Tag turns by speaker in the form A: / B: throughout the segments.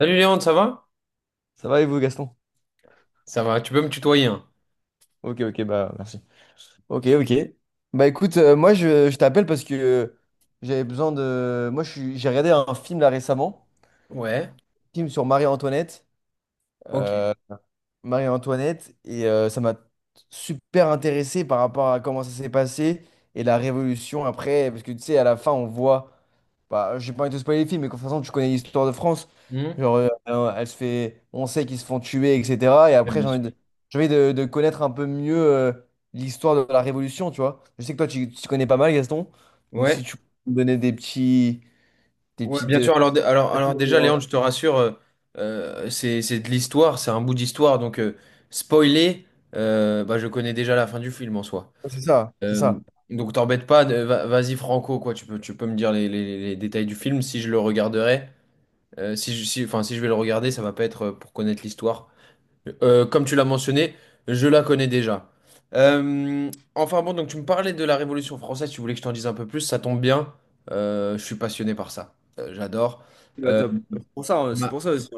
A: Salut Léon, ça va?
B: Ça va et vous, Gaston?
A: Ça va, tu peux me tutoyer, hein.
B: Ok, ok, bah merci. Ok, ok. Bah écoute, moi je t'appelle parce que j'avais besoin de. J'ai regardé un film là récemment,
A: Ouais,
B: film sur Marie-Antoinette.
A: ok.
B: Euh, Marie-Antoinette et ça m'a super intéressé par rapport à comment ça s'est passé et la révolution après, parce que tu sais, à la fin, on voit, bah, j'ai pas envie de te spoiler le film mais de toute façon, tu connais l'histoire de France,
A: Hmm.
B: genre, elle se fait, on sait qu'ils se font tuer, etc. Et après,
A: Bien sûr.
B: j'ai envie de connaître un peu mieux l'histoire de la révolution, tu vois. Je sais que toi, tu connais pas mal, Gaston, donc si
A: Ouais,
B: tu peux me donner des petits, des
A: ouais,
B: petites,
A: bien sûr. Alors, déjà, Léon, je te rassure, c'est de l'histoire, c'est un bout d'histoire. Donc, spoiler, bah, je connais déjà la fin du film en soi.
B: c'est ça, c'est
A: Euh,
B: ça.
A: donc, t'embête pas, vas-y franco, quoi. Tu peux me dire les détails du film si je le regarderai. Si je vais le regarder, ça va pas être pour connaître l'histoire. Comme tu l'as mentionné, je la connais déjà. Euh, enfin bon, donc tu me parlais de la Révolution française, tu voulais que je t'en dise un peu plus, ça tombe bien. Je suis passionné par ça. J'adore.
B: Bah, top. C'est pour ça, hein, c'est
A: Ma-
B: pour ça aussi.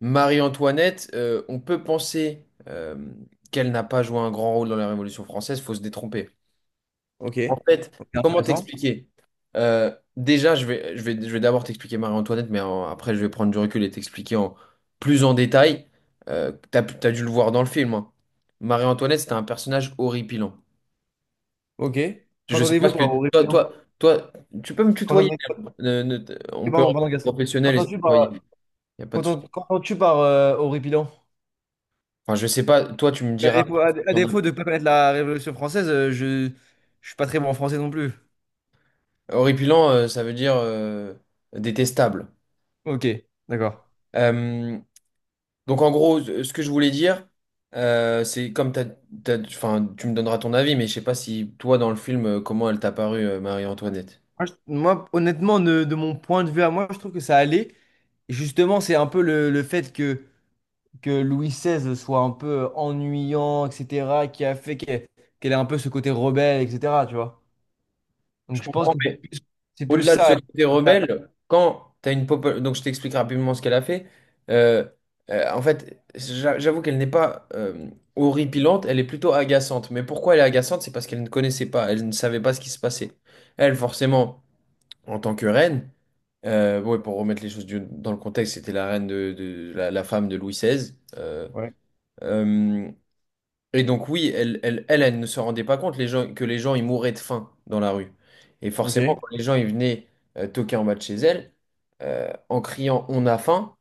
A: Marie-Antoinette, on peut penser qu'elle n'a pas joué un grand rôle dans la Révolution française, faut se détromper.
B: Ok.
A: En fait,
B: Ok,
A: comment
B: intéressant.
A: t'expliquer? Déjà, je vais d'abord t'expliquer Marie-Antoinette, mais après, je vais prendre du recul et t'expliquer en plus en détail. T'as dû le voir dans le film, hein. Marie-Antoinette, c'était un personnage horripilant.
B: Ok.
A: Je sais pas
B: Qu'entendez-vous
A: ce que
B: par
A: toi,
B: horripilant?
A: toi, toi, tu peux me tutoyer.
B: Qu'entendez...
A: Ne- ne- on peut
B: Pardon,
A: rester
B: pardon, Gaston.
A: professionnel et se tutoyer. Il n'y a pas de souci.
B: Qu'entends-tu par horripilant?
A: Enfin, je sais pas. Toi, tu me
B: À
A: diras.
B: défaut, à défaut de ne pas connaître la Révolution française, je suis pas très bon en français non plus.
A: Horripilant, ça veut dire détestable.
B: Ok, d'accord.
A: Euh, Donc en gros, ce que je voulais dire, c'est comme enfin, tu me donneras ton avis, mais je sais pas si toi dans le film, comment elle t'a paru, Marie-Antoinette.
B: Moi, honnêtement, de mon point de vue à moi, je trouve que ça allait. Et justement, c'est un peu le fait que Louis XVI soit un peu ennuyant, etc., qui a fait qu'elle ait un peu ce côté rebelle, etc., tu vois.
A: Je
B: Donc je pense
A: comprends,
B: que
A: mais
B: c'est plus
A: au-delà de ce
B: ça.
A: côté
B: Elle
A: rebelle, quand t'as une pop, donc je t'explique rapidement ce qu'elle a fait. Euh, en fait, j'avoue qu'elle n'est pas horripilante, elle est plutôt agaçante. Mais pourquoi elle est agaçante? C'est parce qu'elle ne connaissait pas, elle ne savait pas ce qui se passait. Elle, forcément, en tant que reine. Ouais, pour remettre les choses dans le contexte, c'était la reine la femme de Louis XVI.
B: Ouais.
A: Euh, et donc oui, elle ne se rendait pas compte les gens, que les gens ils mouraient de faim dans la rue. Et
B: Ok.
A: forcément,
B: Elle
A: quand les gens ils venaient toquer en bas de chez elle, en criant «On a faim»,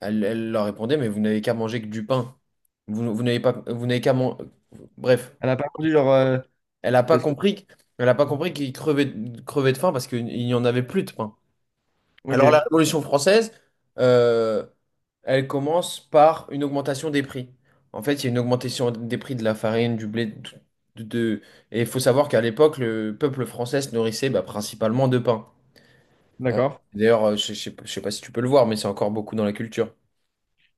A: elle leur répondait «Mais vous n'avez qu'à manger que du pain. Vous n'avez pas, vous n'avez qu'à manger...» Bref,
B: a pas voulu genre
A: elle n'a pas
B: parce que-
A: compris, elle a pas compris qu'ils crevaient, crevaient de faim parce qu'il n'y en avait plus de pain. Alors la
B: ok,
A: Révolution française, euh, elle commence par une augmentation des prix. En fait, il y a une augmentation des prix de la farine, du blé, de, tout- de- et il faut savoir qu'à l'époque, le peuple français se nourrissait bah, principalement de pain. Hein.
B: d'accord.
A: D'ailleurs, je sais pas si tu peux le voir, mais c'est encore beaucoup dans la culture.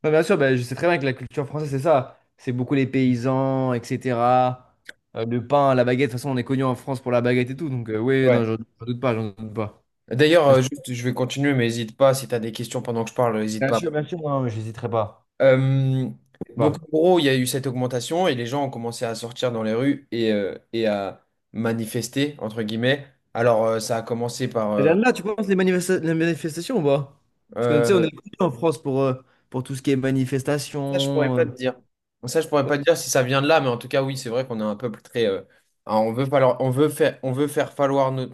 B: Non, bien sûr, bah, je sais très bien que la culture française, c'est ça. C'est beaucoup les paysans, etc. Le pain, la baguette. De toute façon, on est connu en France pour la baguette et tout. Donc, oui, non,
A: Ouais.
B: j'en doute pas, j'en doute pas.
A: D'ailleurs,
B: Bien sûr,
A: juste, je vais continuer, mais n'hésite pas, si tu as des questions pendant que je parle, n'hésite
B: bien
A: pas.
B: sûr, bien sûr, non, mais j'hésiterai pas.
A: Euh,
B: Je
A: donc
B: pas.
A: en gros, il y a eu cette augmentation et les gens ont commencé à sortir dans les rues et à manifester, entre guillemets. Alors, ça a commencé par...
B: Et là, là, tu penses les manifestations ou pas? Parce que, tu sais, on
A: euh,
B: est connu en France pour tout ce qui est
A: ça, je pourrais
B: manifestation,
A: pas te dire. Ça, je pourrais pas te dire si ça vient de là, mais en tout cas, oui, c'est vrai qu'on a un peuple très... ah, on veut faire valoir nos,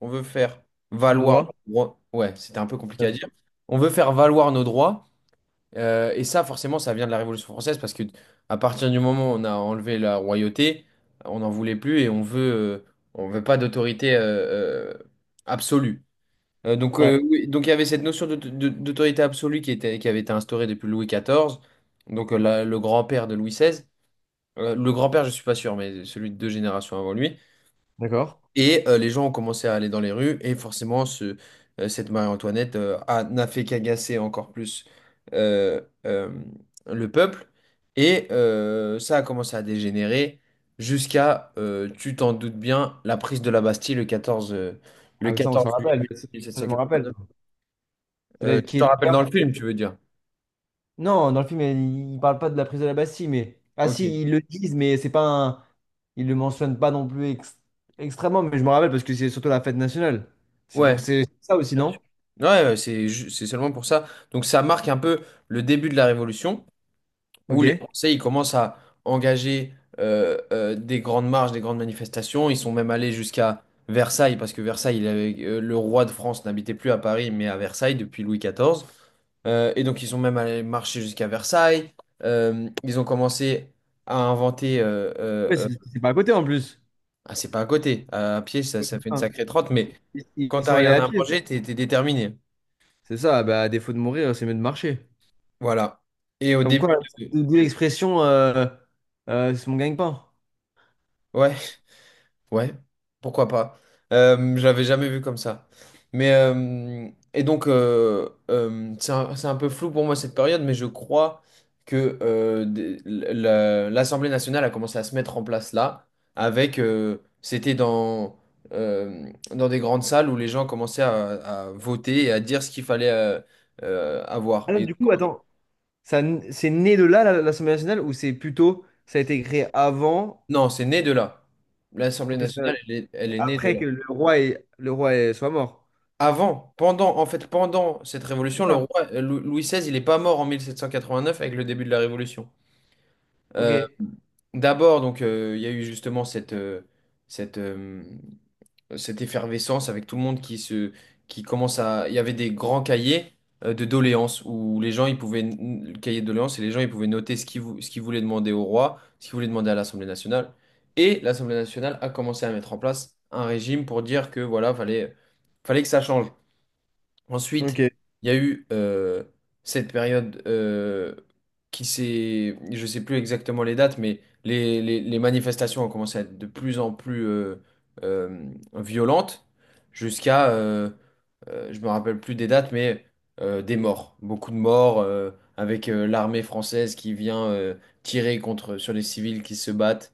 A: on veut faire valoir.
B: droit.
A: Nos droits. Ouais, c'était un peu compliqué
B: Bien
A: à dire.
B: sûr.
A: On veut faire valoir nos droits. Et ça, forcément, ça vient de la Révolution française parce que à partir du moment où on a enlevé la royauté, on n'en voulait plus et on veut pas d'autorité absolue. Donc,
B: Ouais.
A: oui, donc il y avait cette notion d'autorité absolue qui était, qui avait été instaurée depuis Louis XIV, donc le grand-père de Louis XVI. Le grand-père, je suis pas sûr, mais celui de deux générations avant lui.
B: D'accord.
A: Et les gens ont commencé à aller dans les rues, et forcément, cette Marie-Antoinette n'a fait qu'agacer encore plus euh, euh, le peuple. Et ça a commencé à dégénérer jusqu'à, tu t'en doutes bien, la prise de la Bastille le
B: Ah, mais ça, on s'en
A: 14
B: rappelle.
A: juillet
B: Ça, je me rappelle.
A: 1789.
B: C'est
A: Euh,
B: là
A: tu
B: qui est
A: t'en rappelles
B: d'accord.
A: dans le film, tu veux dire?
B: Non, dans le film, il ne parle pas de la prise de la Bastille, mais. Ah,
A: Ok.
B: si, ils le disent, mais c'est pas un. Ils le mentionnent pas non plus extrêmement, mais je me rappelle parce que c'est surtout la fête nationale.
A: Ouais,
B: C'est ça aussi, non?
A: ouais, ouais, c'est seulement pour ça. Donc ça marque un peu le début de la Révolution, où
B: Ok.
A: les
B: Ouais,
A: Français ils commencent à engager des grandes marches, des grandes manifestations. Ils sont même allés jusqu'à Versailles, parce que Versailles, le roi de France n'habitait plus à Paris, mais à Versailles depuis Louis XIV. Et donc ils sont même allés marcher jusqu'à Versailles. Ils ont commencé à inventer...
B: c'est c'est pas à côté en plus.
A: ah, c'est pas à côté, à pied, ça fait une
B: Putain.
A: sacrée trotte, mais
B: Ils,
A: quand
B: ils
A: t'as
B: sont allés
A: rien
B: à
A: à
B: pied.
A: manger, t'es déterminé.
B: C'est ça, bah, à défaut de mourir, c'est mieux de marcher.
A: Voilà. Et au
B: Comme quoi,
A: début de...
B: d'où l'expression c'est mon gagne-pain.
A: Ouais. Ouais, pourquoi pas. Je l'avais jamais vu comme ça. Mais et donc c'est un peu flou pour moi cette période, mais je crois que l'Assemblée nationale a commencé à se mettre en place là, avec c'était dans dans des grandes salles où les gens commençaient à voter et à dire ce qu'il fallait avoir.
B: Ah non,
A: Et
B: du coup, attends. C'est né de là, l'Assemblée nationale, ou c'est plutôt, ça a été créé avant,
A: non, c'est né de là. L'Assemblée
B: ok,
A: nationale, elle est née de
B: après
A: là.
B: que le roi soit mort.
A: Avant, en fait, pendant cette
B: C'est
A: révolution, le
B: ça.
A: roi Louis XVI, il n'est pas mort en 1789 avec le début de la révolution. Euh,
B: Ok.
A: d'abord, donc, il y a eu justement cette, euh, cette effervescence avec tout le monde qui commence à. Il y avait des grands cahiers de doléances où les gens, ils pouvaient le cahier de doléances et les gens, ils pouvaient noter ce qu'ils voulaient demander au roi, ce qu'ils voulaient demander à l'Assemblée nationale. Et l'Assemblée nationale a commencé à mettre en place un régime pour dire que voilà, fallait que ça change. Ensuite,
B: Ok.
A: il y a eu cette période qui s'est, je sais plus exactement les dates, mais les manifestations ont commencé à être de plus en plus violentes, jusqu'à, euh, je me rappelle plus des dates, mais des morts, beaucoup de morts, avec l'armée française qui vient tirer contre sur les civils qui se battent.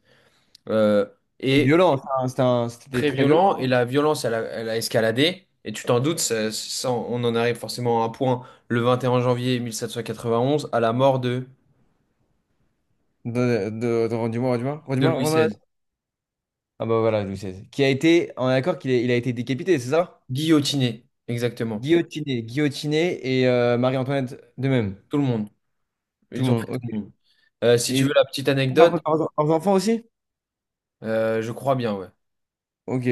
A: Euh, et
B: Violent, ça, hein, c'était
A: très
B: très violent.
A: violent et la violence, elle a escaladé. Et tu t'en doutes, on en arrive forcément à un point le 21 janvier 1791 à la mort
B: Redis-moi, redis-moi,
A: de
B: redis-moi,
A: Louis
B: redis-moi.
A: XVI.
B: Ah bah voilà, Louis XVI. Qui a été, on est d'accord il a été décapité, c'est ça?
A: Guillotiné, exactement.
B: Guillotiné, guillotiné et Marie-Antoinette de même.
A: Tout le monde.
B: Tout le
A: Ils ont fait
B: monde,
A: tout
B: ok.
A: le monde. Si
B: Et
A: tu
B: ils
A: veux la petite
B: ont
A: anecdote,
B: leurs enfants aussi?
A: je crois bien, ouais.
B: Ok.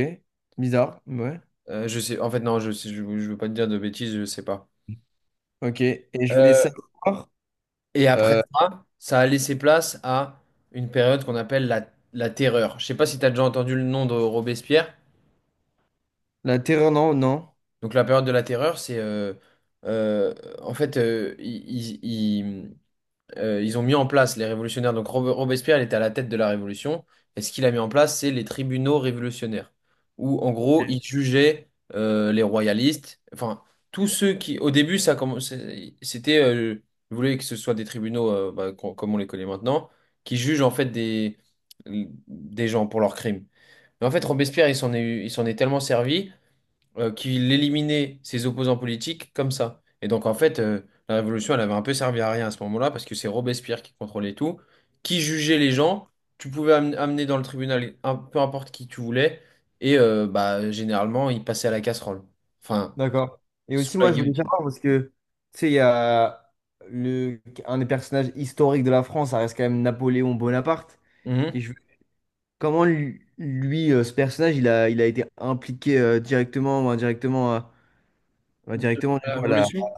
B: Bizarre, ouais.
A: Je sais, en fait, non, je veux pas te dire de bêtises, je sais pas.
B: Ok. Et je voulais
A: Euh,
B: savoir.
A: et après
B: euh,
A: ça, ça a laissé place à une période qu'on appelle la terreur. Je sais pas si tu as déjà entendu le nom de Robespierre.
B: La terreur, non, non.
A: Donc la période de la terreur, c'est euh, en fait ils ont mis en place les révolutionnaires. Donc Robespierre, il était à la tête de la révolution. Et ce qu'il a mis en place, c'est les tribunaux révolutionnaires, où en gros ils jugeaient les royalistes. Enfin tous ceux qui, au début, ça commençait, ils voulaient que ce soit des tribunaux bah, comme on les connaît maintenant, qui jugent en fait des gens pour leurs crimes. Mais en fait Robespierre, il s'en est tellement servi qu'il éliminait ses opposants politiques comme ça. Et donc, en fait, la Révolution, elle avait un peu servi à rien à ce moment-là, parce que c'est Robespierre qui contrôlait tout, qui jugeait les gens. Tu pouvais amener dans le tribunal un, peu importe qui tu voulais, et bah, généralement, il passait à la casserole. Enfin,
B: D'accord. Et
A: sous
B: aussi,
A: la
B: moi, je voulais
A: guillotine.
B: savoir parce que, tu sais, il y a un des personnages historiques de la France, ça reste quand même Napoléon Bonaparte.
A: Mhm.
B: Et je, Comment ce personnage, il a été impliqué directement ou indirectement,
A: Pendant
B: directement, du
A: La
B: coup, à la.
A: Révolution,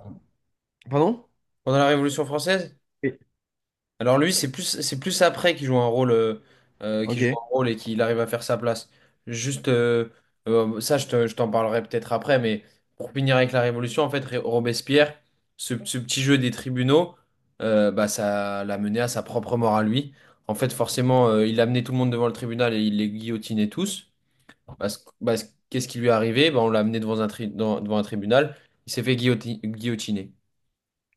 B: Pardon?
A: pendant la Révolution française?
B: Oui.
A: Alors lui, c'est plus après qu'il joue un rôle, qu'il joue
B: Ok,
A: un rôle et qu'il arrive à faire sa place. Juste, ça, je t'en parlerai peut-être après, mais pour finir avec la Révolution, en fait, Robespierre, ce petit jeu des tribunaux, bah, ça l'a mené à sa propre mort à lui. En fait, forcément, il a amené tout le monde devant le tribunal et il les guillotinait tous. Qu'est-ce qui lui est arrivé? Bah, on l'a amené devant un tribunal, il s'est fait guillotiner.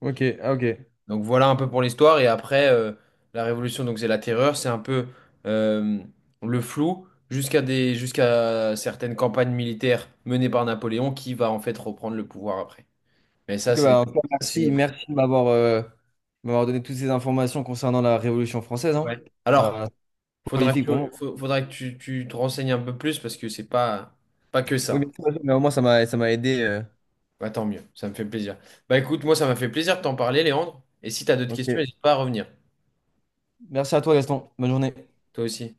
B: ok, ah, ok.
A: Donc voilà un peu pour l'histoire. Et après, la Révolution, donc c'est la terreur, c'est un peu euh, le flou jusqu'à jusqu'à certaines campagnes militaires menées par Napoléon qui va en fait reprendre le pouvoir après. Mais ça,
B: Ok, bah, en tout cas,
A: c'est une
B: merci,
A: autre.
B: merci de m'avoir donné toutes ces informations concernant la Révolution française.
A: Ouais.
B: Hein.
A: Alors,
B: Voilà, c'est
A: faudra que,
B: prolifique pour moi.
A: faudra que tu te renseignes un peu plus parce que c'est pas, pas que
B: Oui,
A: ça.
B: bien sûr, mais au moins, ça m'a aidé.
A: Bah, tant mieux, ça me fait plaisir. Bah écoute, moi ça m'a fait plaisir de t'en parler, Léandre. Et si tu as d'autres
B: Ok.
A: questions, n'hésite pas à revenir.
B: Merci à toi, Gaston. Bonne journée.
A: Toi aussi.